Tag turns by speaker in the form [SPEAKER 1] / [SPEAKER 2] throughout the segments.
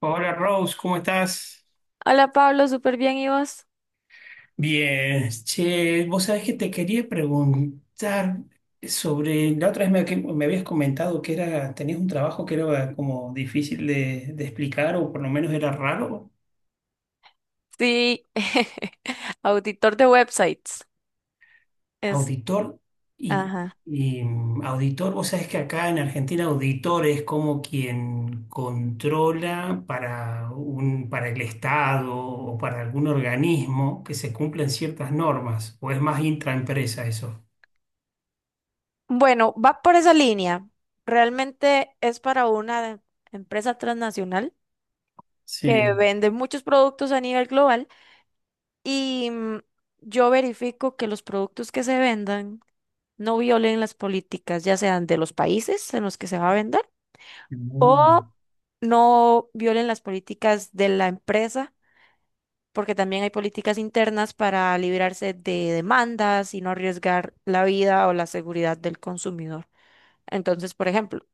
[SPEAKER 1] Hola Rose, ¿cómo estás?
[SPEAKER 2] Hola Pablo, súper bien, ¿y vos?
[SPEAKER 1] Bien, che, vos sabés que te quería preguntar sobre, la otra vez me, que me habías comentado que era, tenías un trabajo que era como difícil de explicar o por lo menos era raro,
[SPEAKER 2] Sí, auditor de websites. Es,
[SPEAKER 1] auditor y,
[SPEAKER 2] ajá.
[SPEAKER 1] y, auditor, vos sabés que acá en Argentina auditor es como quien controla para para el Estado o para algún organismo que se cumplan ciertas normas, o es más intraempresa eso.
[SPEAKER 2] Bueno, va por esa línea. Realmente es para una empresa transnacional que
[SPEAKER 1] Sí.
[SPEAKER 2] vende muchos productos a nivel global y yo verifico que los productos que se vendan no violen las políticas, ya sean de los países en los que se va a vender
[SPEAKER 1] Mm.
[SPEAKER 2] o no violen las políticas de la empresa porque también hay políticas internas para librarse de demandas y no arriesgar la vida o la seguridad del consumidor. Entonces, por ejemplo,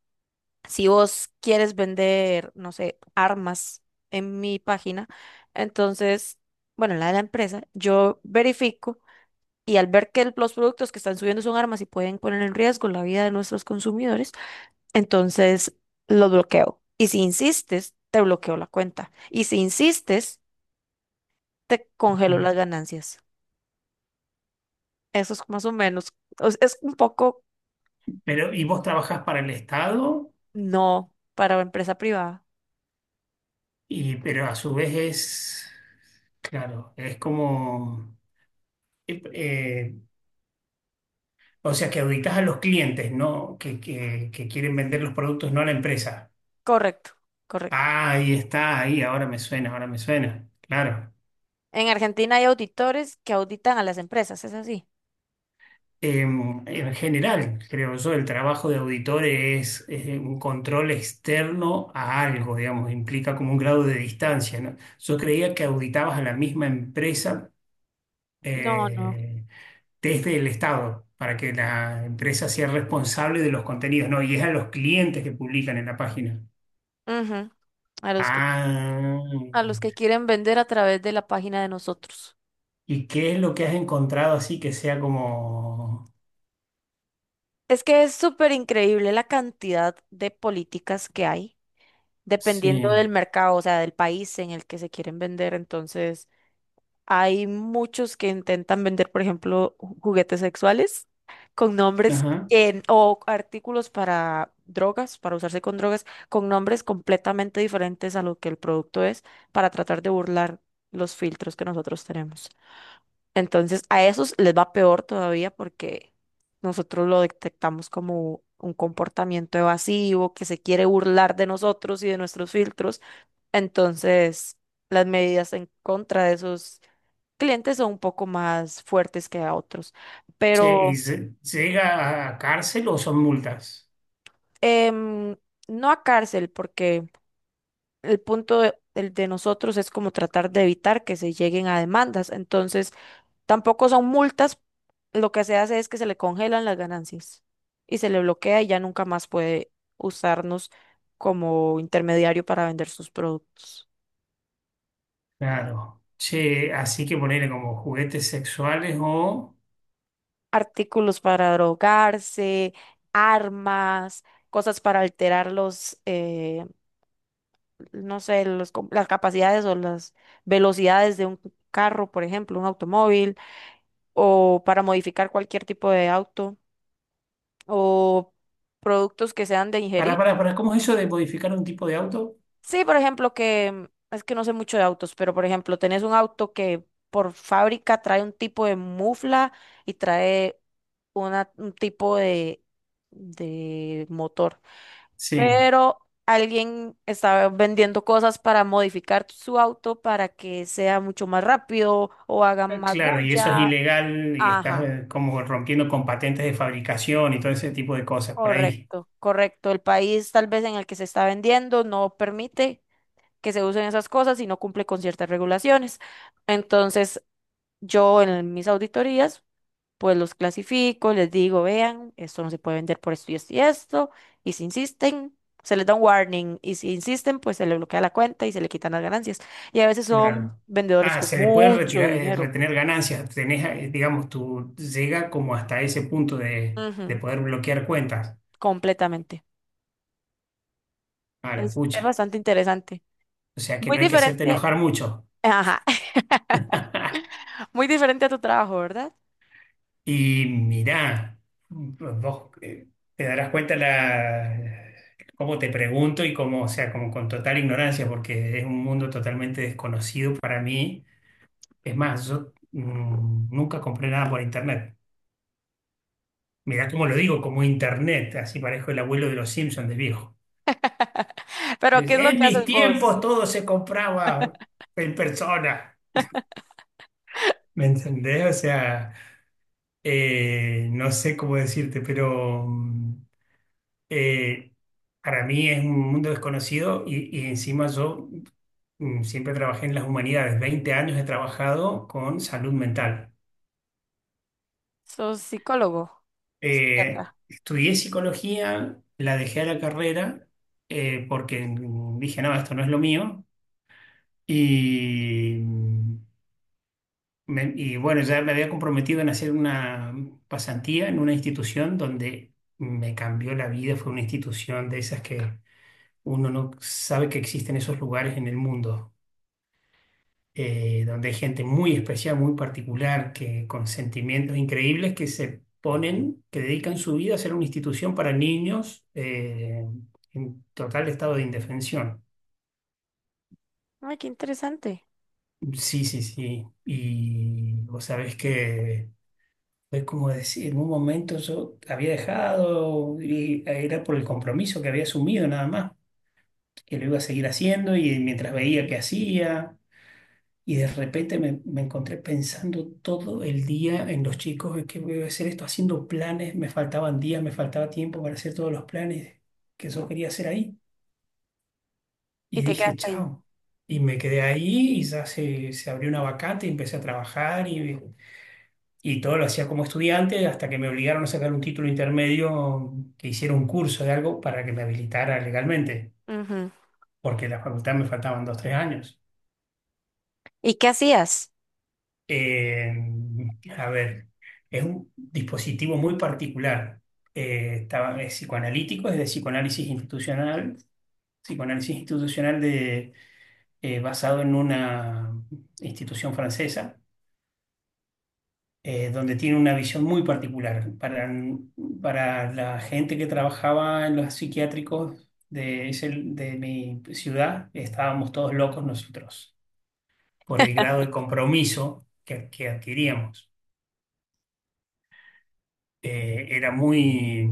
[SPEAKER 2] si vos quieres vender, no sé, armas en mi página, entonces, bueno, la de la empresa, yo verifico y al ver que los productos que están subiendo son armas y pueden poner en riesgo la vida de nuestros consumidores, entonces los bloqueo. Y si insistes, te bloqueo la cuenta. Y si insistes, te congelo las ganancias. Eso es más o menos, o es un poco
[SPEAKER 1] Pero, ¿y vos trabajás para el Estado?
[SPEAKER 2] no, para empresa privada.
[SPEAKER 1] Y, pero a su vez es, claro, es como, eh, eh, o sea, que auditas a los clientes, ¿no? Que quieren vender los productos, no a la empresa.
[SPEAKER 2] Correcto, correcto.
[SPEAKER 1] Ah, ahí está, ahí, ahora me suena, ahora me suena. Claro.
[SPEAKER 2] En Argentina hay auditores que auditan a las empresas, ¿es así?
[SPEAKER 1] En general, creo yo, el trabajo de auditor es, un control externo a algo, digamos, implica como un grado de distancia, ¿no? Yo creía que auditabas a la misma empresa
[SPEAKER 2] No, no.
[SPEAKER 1] eh, desde el Estado para que la empresa sea responsable de los contenidos, ¿no? Y es a los clientes que publican en la página.
[SPEAKER 2] Ujú. A los que,
[SPEAKER 1] Ah,
[SPEAKER 2] a los que quieren vender a través de la página de nosotros.
[SPEAKER 1] ¿y qué es lo que has encontrado así que sea como...
[SPEAKER 2] Es que es súper increíble la cantidad de políticas que hay, dependiendo
[SPEAKER 1] Sí,
[SPEAKER 2] del mercado, o sea, del país en el que se quieren vender. Entonces, hay muchos que intentan vender, por ejemplo, juguetes sexuales con nombres
[SPEAKER 1] ajá.
[SPEAKER 2] o artículos para drogas, para usarse con drogas, con nombres completamente diferentes a lo que el producto es, para tratar de burlar los filtros que nosotros tenemos. Entonces, a esos les va peor todavía porque nosotros lo detectamos como un comportamiento evasivo, que se quiere burlar de nosotros y de nuestros filtros, entonces, las medidas en contra de esos clientes son un poco más fuertes que a otros,
[SPEAKER 1] Che, ¿y
[SPEAKER 2] pero
[SPEAKER 1] se- llega a cárcel o son multas?
[SPEAKER 2] em, no a cárcel, porque el punto de, el de nosotros es como tratar de evitar que se lleguen a demandas. Entonces, tampoco son multas, lo que se hace es que se le congelan las ganancias y se le bloquea y ya nunca más puede usarnos como intermediario para vender sus productos.
[SPEAKER 1] Claro. Che, así que ponerle como juguetes sexuales o...
[SPEAKER 2] Artículos para drogarse, armas, cosas para alterar los, no sé, las capacidades o las velocidades de un carro, por ejemplo, un automóvil, o para modificar cualquier tipo de auto, o productos que sean de ingerir.
[SPEAKER 1] Para, ¿cómo es eso de modificar un tipo de auto?
[SPEAKER 2] Sí, por ejemplo, que es que no sé mucho de autos, pero por ejemplo, tenés un auto que por fábrica trae un tipo de mufla y trae un tipo de motor.
[SPEAKER 1] Sí.
[SPEAKER 2] Pero alguien está vendiendo cosas para modificar su auto para que sea mucho más rápido o haga
[SPEAKER 1] Ah,
[SPEAKER 2] más
[SPEAKER 1] claro, y eso es
[SPEAKER 2] bulla.
[SPEAKER 1] ilegal y estás
[SPEAKER 2] Ajá,
[SPEAKER 1] como rompiendo con patentes de fabricación y todo ese tipo de cosas por ahí.
[SPEAKER 2] correcto, correcto. El país tal vez en el que se está vendiendo no permite que se usen esas cosas y no cumple con ciertas regulaciones. Entonces, yo en mis auditorías pues los clasifico, les digo, vean, esto no se puede vender por esto y esto y esto, y si insisten, se les da un warning, y si insisten, pues se les bloquea la cuenta y se le quitan las ganancias. Y a veces son
[SPEAKER 1] Claro.
[SPEAKER 2] vendedores
[SPEAKER 1] Ah,
[SPEAKER 2] con
[SPEAKER 1] se le puede
[SPEAKER 2] mucho
[SPEAKER 1] retirar,
[SPEAKER 2] dinero.
[SPEAKER 1] retener ganancias. Tenés, digamos, tú llega como hasta ese punto de
[SPEAKER 2] Ujú,
[SPEAKER 1] poder bloquear cuentas.
[SPEAKER 2] completamente.
[SPEAKER 1] A la
[SPEAKER 2] Es
[SPEAKER 1] pucha.
[SPEAKER 2] bastante interesante.
[SPEAKER 1] O sea que
[SPEAKER 2] Muy
[SPEAKER 1] no hay que hacerte
[SPEAKER 2] diferente,
[SPEAKER 1] enojar mucho.
[SPEAKER 2] ajá, muy diferente a tu trabajo, ¿verdad?
[SPEAKER 1] Y mirá, vos te darás cuenta la, cómo te pregunto y cómo, o sea, como con total ignorancia, porque es un mundo totalmente desconocido para mí. Es más, yo nunca compré nada por internet. Mirá cómo lo digo, como internet, así parezco el abuelo de los Simpsons de viejo.
[SPEAKER 2] Pero,
[SPEAKER 1] Es,
[SPEAKER 2] ¿qué es lo
[SPEAKER 1] en
[SPEAKER 2] que
[SPEAKER 1] mis
[SPEAKER 2] haces vos?
[SPEAKER 1] tiempos todo se compraba en persona, ¿me entendés? O sea, no sé cómo decirte, pero... eh, para mí es un mundo desconocido y encima yo siempre trabajé en las humanidades. 20 años he trabajado con salud mental.
[SPEAKER 2] ¿Sos psicólogo, psiquiatra?
[SPEAKER 1] Estudié psicología, la dejé a la carrera porque dije, no, esto no es lo mío. Y y bueno, ya me había comprometido en hacer una pasantía en una institución donde me cambió la vida. Fue una institución de esas que uno no sabe que existen esos lugares en el mundo. Donde hay gente muy especial, muy particular, que con sentimientos increíbles que se ponen, que dedican su vida a ser una institución para niños en total estado de indefensión.
[SPEAKER 2] Ay, qué interesante.
[SPEAKER 1] Sí, sí, sí. Y vos sabés que es como decir, en un momento yo había dejado y era por el compromiso que había asumido nada más, que lo iba a seguir haciendo y mientras veía que hacía. Y de repente me encontré pensando todo el día en los chicos, en qué voy a hacer esto, haciendo planes, me faltaban días, me faltaba tiempo para hacer todos los planes que yo quería hacer ahí.
[SPEAKER 2] Y
[SPEAKER 1] Y
[SPEAKER 2] te
[SPEAKER 1] dije,
[SPEAKER 2] quedas ahí.
[SPEAKER 1] chao. Y me quedé ahí y ya se abrió una vacante y empecé a trabajar y todo lo hacía como estudiante hasta que me obligaron a sacar un título intermedio que hiciera un curso de algo para que me habilitara legalmente,
[SPEAKER 2] Ujú.
[SPEAKER 1] porque en la facultad me faltaban 2, 3 años.
[SPEAKER 2] ¿Y qué hacías?
[SPEAKER 1] Eh, a ver, es un dispositivo muy particular. Es psicoanalítico, es de psicoanálisis institucional de, basado en una institución francesa, donde tiene una visión muy particular. Para la gente que trabajaba en los psiquiátricos de mi ciudad, estábamos todos locos nosotros por el grado de compromiso que adquiríamos. Era muy,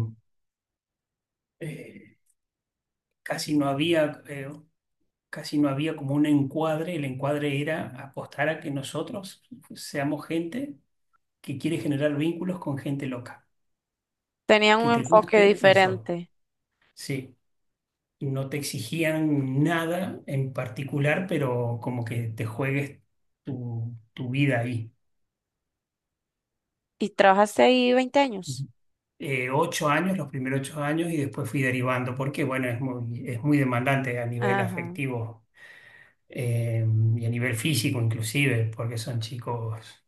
[SPEAKER 1] eh, casi no había, eh, casi no había como un encuadre, el encuadre era apostar a que nosotros seamos gente que quiere generar vínculos con gente loca,
[SPEAKER 2] Tenían
[SPEAKER 1] que
[SPEAKER 2] un
[SPEAKER 1] te
[SPEAKER 2] enfoque
[SPEAKER 1] guste eso,
[SPEAKER 2] diferente.
[SPEAKER 1] sí. No te exigían nada en particular, pero como que te juegues tu vida ahí.
[SPEAKER 2] Y trabajaste ahí 20 años.
[SPEAKER 1] 8 años, los primeros 8 años, y después fui derivando, porque bueno, es muy demandante a nivel
[SPEAKER 2] Ajá,
[SPEAKER 1] afectivo eh, y a nivel físico inclusive, porque son chicos,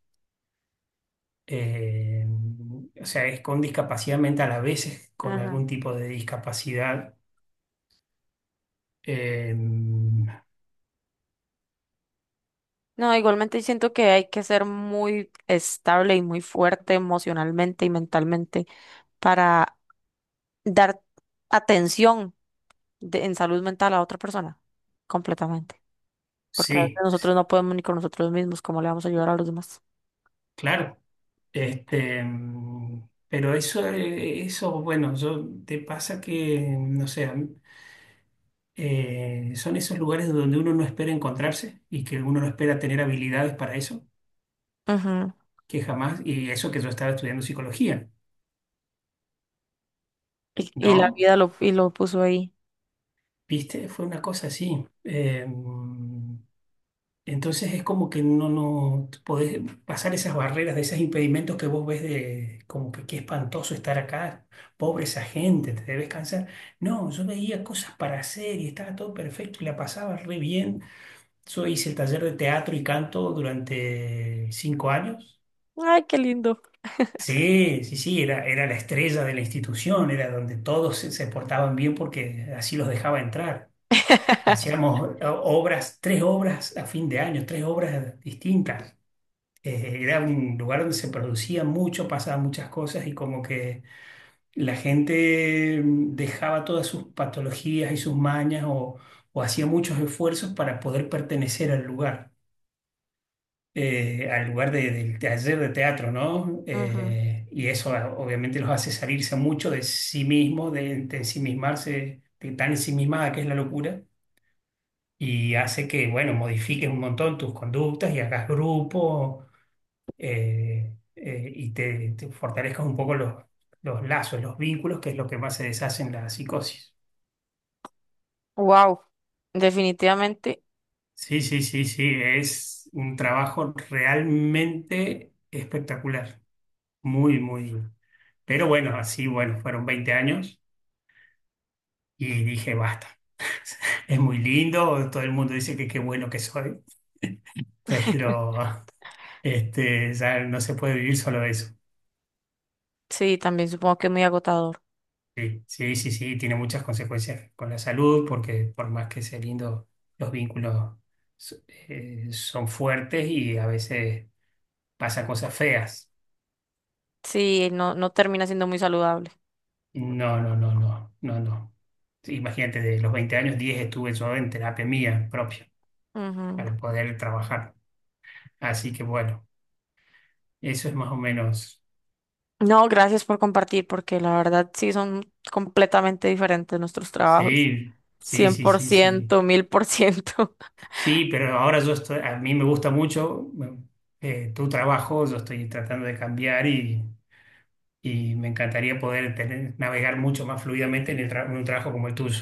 [SPEAKER 1] eh, o sea, es con discapacidad mental, a veces con
[SPEAKER 2] ajá.
[SPEAKER 1] algún tipo de discapacidad. Eh,
[SPEAKER 2] No, igualmente siento que hay que ser muy estable y muy fuerte emocionalmente y mentalmente para dar atención en salud mental a otra persona, completamente. Porque a veces
[SPEAKER 1] sí, sí,
[SPEAKER 2] nosotros no podemos ni con nosotros mismos, ¿cómo le vamos a ayudar a los demás?
[SPEAKER 1] claro. Pero eso, eso, bueno, yo, te pasa que, no sé, a mí, son esos lugares donde uno no espera encontrarse y que uno no espera tener habilidades para eso,
[SPEAKER 2] Ujú.
[SPEAKER 1] que jamás, y eso que yo estaba estudiando psicología,
[SPEAKER 2] Y la
[SPEAKER 1] ¿no?
[SPEAKER 2] vida lo, y lo puso ahí.
[SPEAKER 1] ¿Viste? Fue una cosa así. Entonces es como que no, no podés pasar esas barreras, de esos impedimentos que vos ves de como que qué espantoso estar acá, pobre esa gente, te debes cansar. No, yo veía cosas para hacer y estaba todo perfecto y la pasaba re bien. Yo hice el taller de teatro y canto durante 5 años.
[SPEAKER 2] Ay, qué lindo.
[SPEAKER 1] Sí, sí, sí, era, era la estrella de la institución, era donde todos se portaban bien porque así los dejaba entrar. Hacíamos obras, 3 obras a fin de año, 3 obras distintas. Era un lugar donde se producía mucho, pasaban muchas cosas y como que la gente dejaba todas sus patologías y sus mañas o hacía muchos esfuerzos para poder pertenecer al lugar del taller de teatro, ¿no? Y eso ah, obviamente los hace salirse mucho de sí mismos, de ensimismarse, de tan ensimismada que es la locura y hace que, bueno, modifiques un montón tus conductas y hagas grupo y te fortalezcas un poco los lazos, los vínculos, que es lo que más se deshace en la psicosis.
[SPEAKER 2] Wow, definitivamente.
[SPEAKER 1] Sí, sí, sí, sí, es un trabajo realmente espectacular, muy, muy. Pero bueno, así, bueno, fueron 20 años y dije, basta. Es muy lindo, todo el mundo dice que qué bueno que soy, pero este, ya no se puede vivir solo de eso.
[SPEAKER 2] Sí, también supongo que es muy agotador.
[SPEAKER 1] Sí, sí, sí, sí, tiene muchas consecuencias con la salud, porque por más que sea lindo, los vínculos so- son fuertes y a veces pasa cosas feas.
[SPEAKER 2] Sí, no, no termina siendo muy saludable.
[SPEAKER 1] No, no, no, no, no, no. Sí, imagínate, de los 20 años, 10 estuve yo en terapia mía propia
[SPEAKER 2] Ujú.
[SPEAKER 1] para poder trabajar. Así que bueno, eso es más o menos.
[SPEAKER 2] No, gracias por compartir, porque la verdad sí son completamente diferentes nuestros trabajos.
[SPEAKER 1] Sí, sí,
[SPEAKER 2] cien
[SPEAKER 1] sí,
[SPEAKER 2] por
[SPEAKER 1] sí, sí.
[SPEAKER 2] ciento, 1000%.
[SPEAKER 1] Sí, pero ahora yo estoy, a mí me gusta mucho tu trabajo, yo estoy tratando de cambiar y me encantaría poder tener, navegar mucho más fluidamente en, en un trabajo como el tuyo,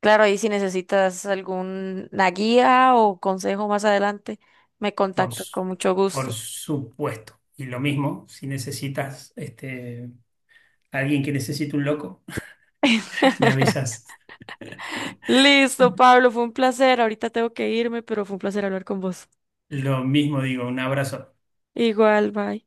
[SPEAKER 2] Claro, ahí si necesitas alguna guía o consejo más adelante, me
[SPEAKER 1] por,
[SPEAKER 2] contactas
[SPEAKER 1] su-
[SPEAKER 2] con mucho gusto.
[SPEAKER 1] por supuesto. Y lo mismo, si necesitas este, alguien que necesite un loco, me avisas.
[SPEAKER 2] Listo, Pablo, fue un placer. Ahorita tengo que irme, pero fue un placer hablar con vos.
[SPEAKER 1] Lo mismo digo, un abrazo.
[SPEAKER 2] Igual, bye.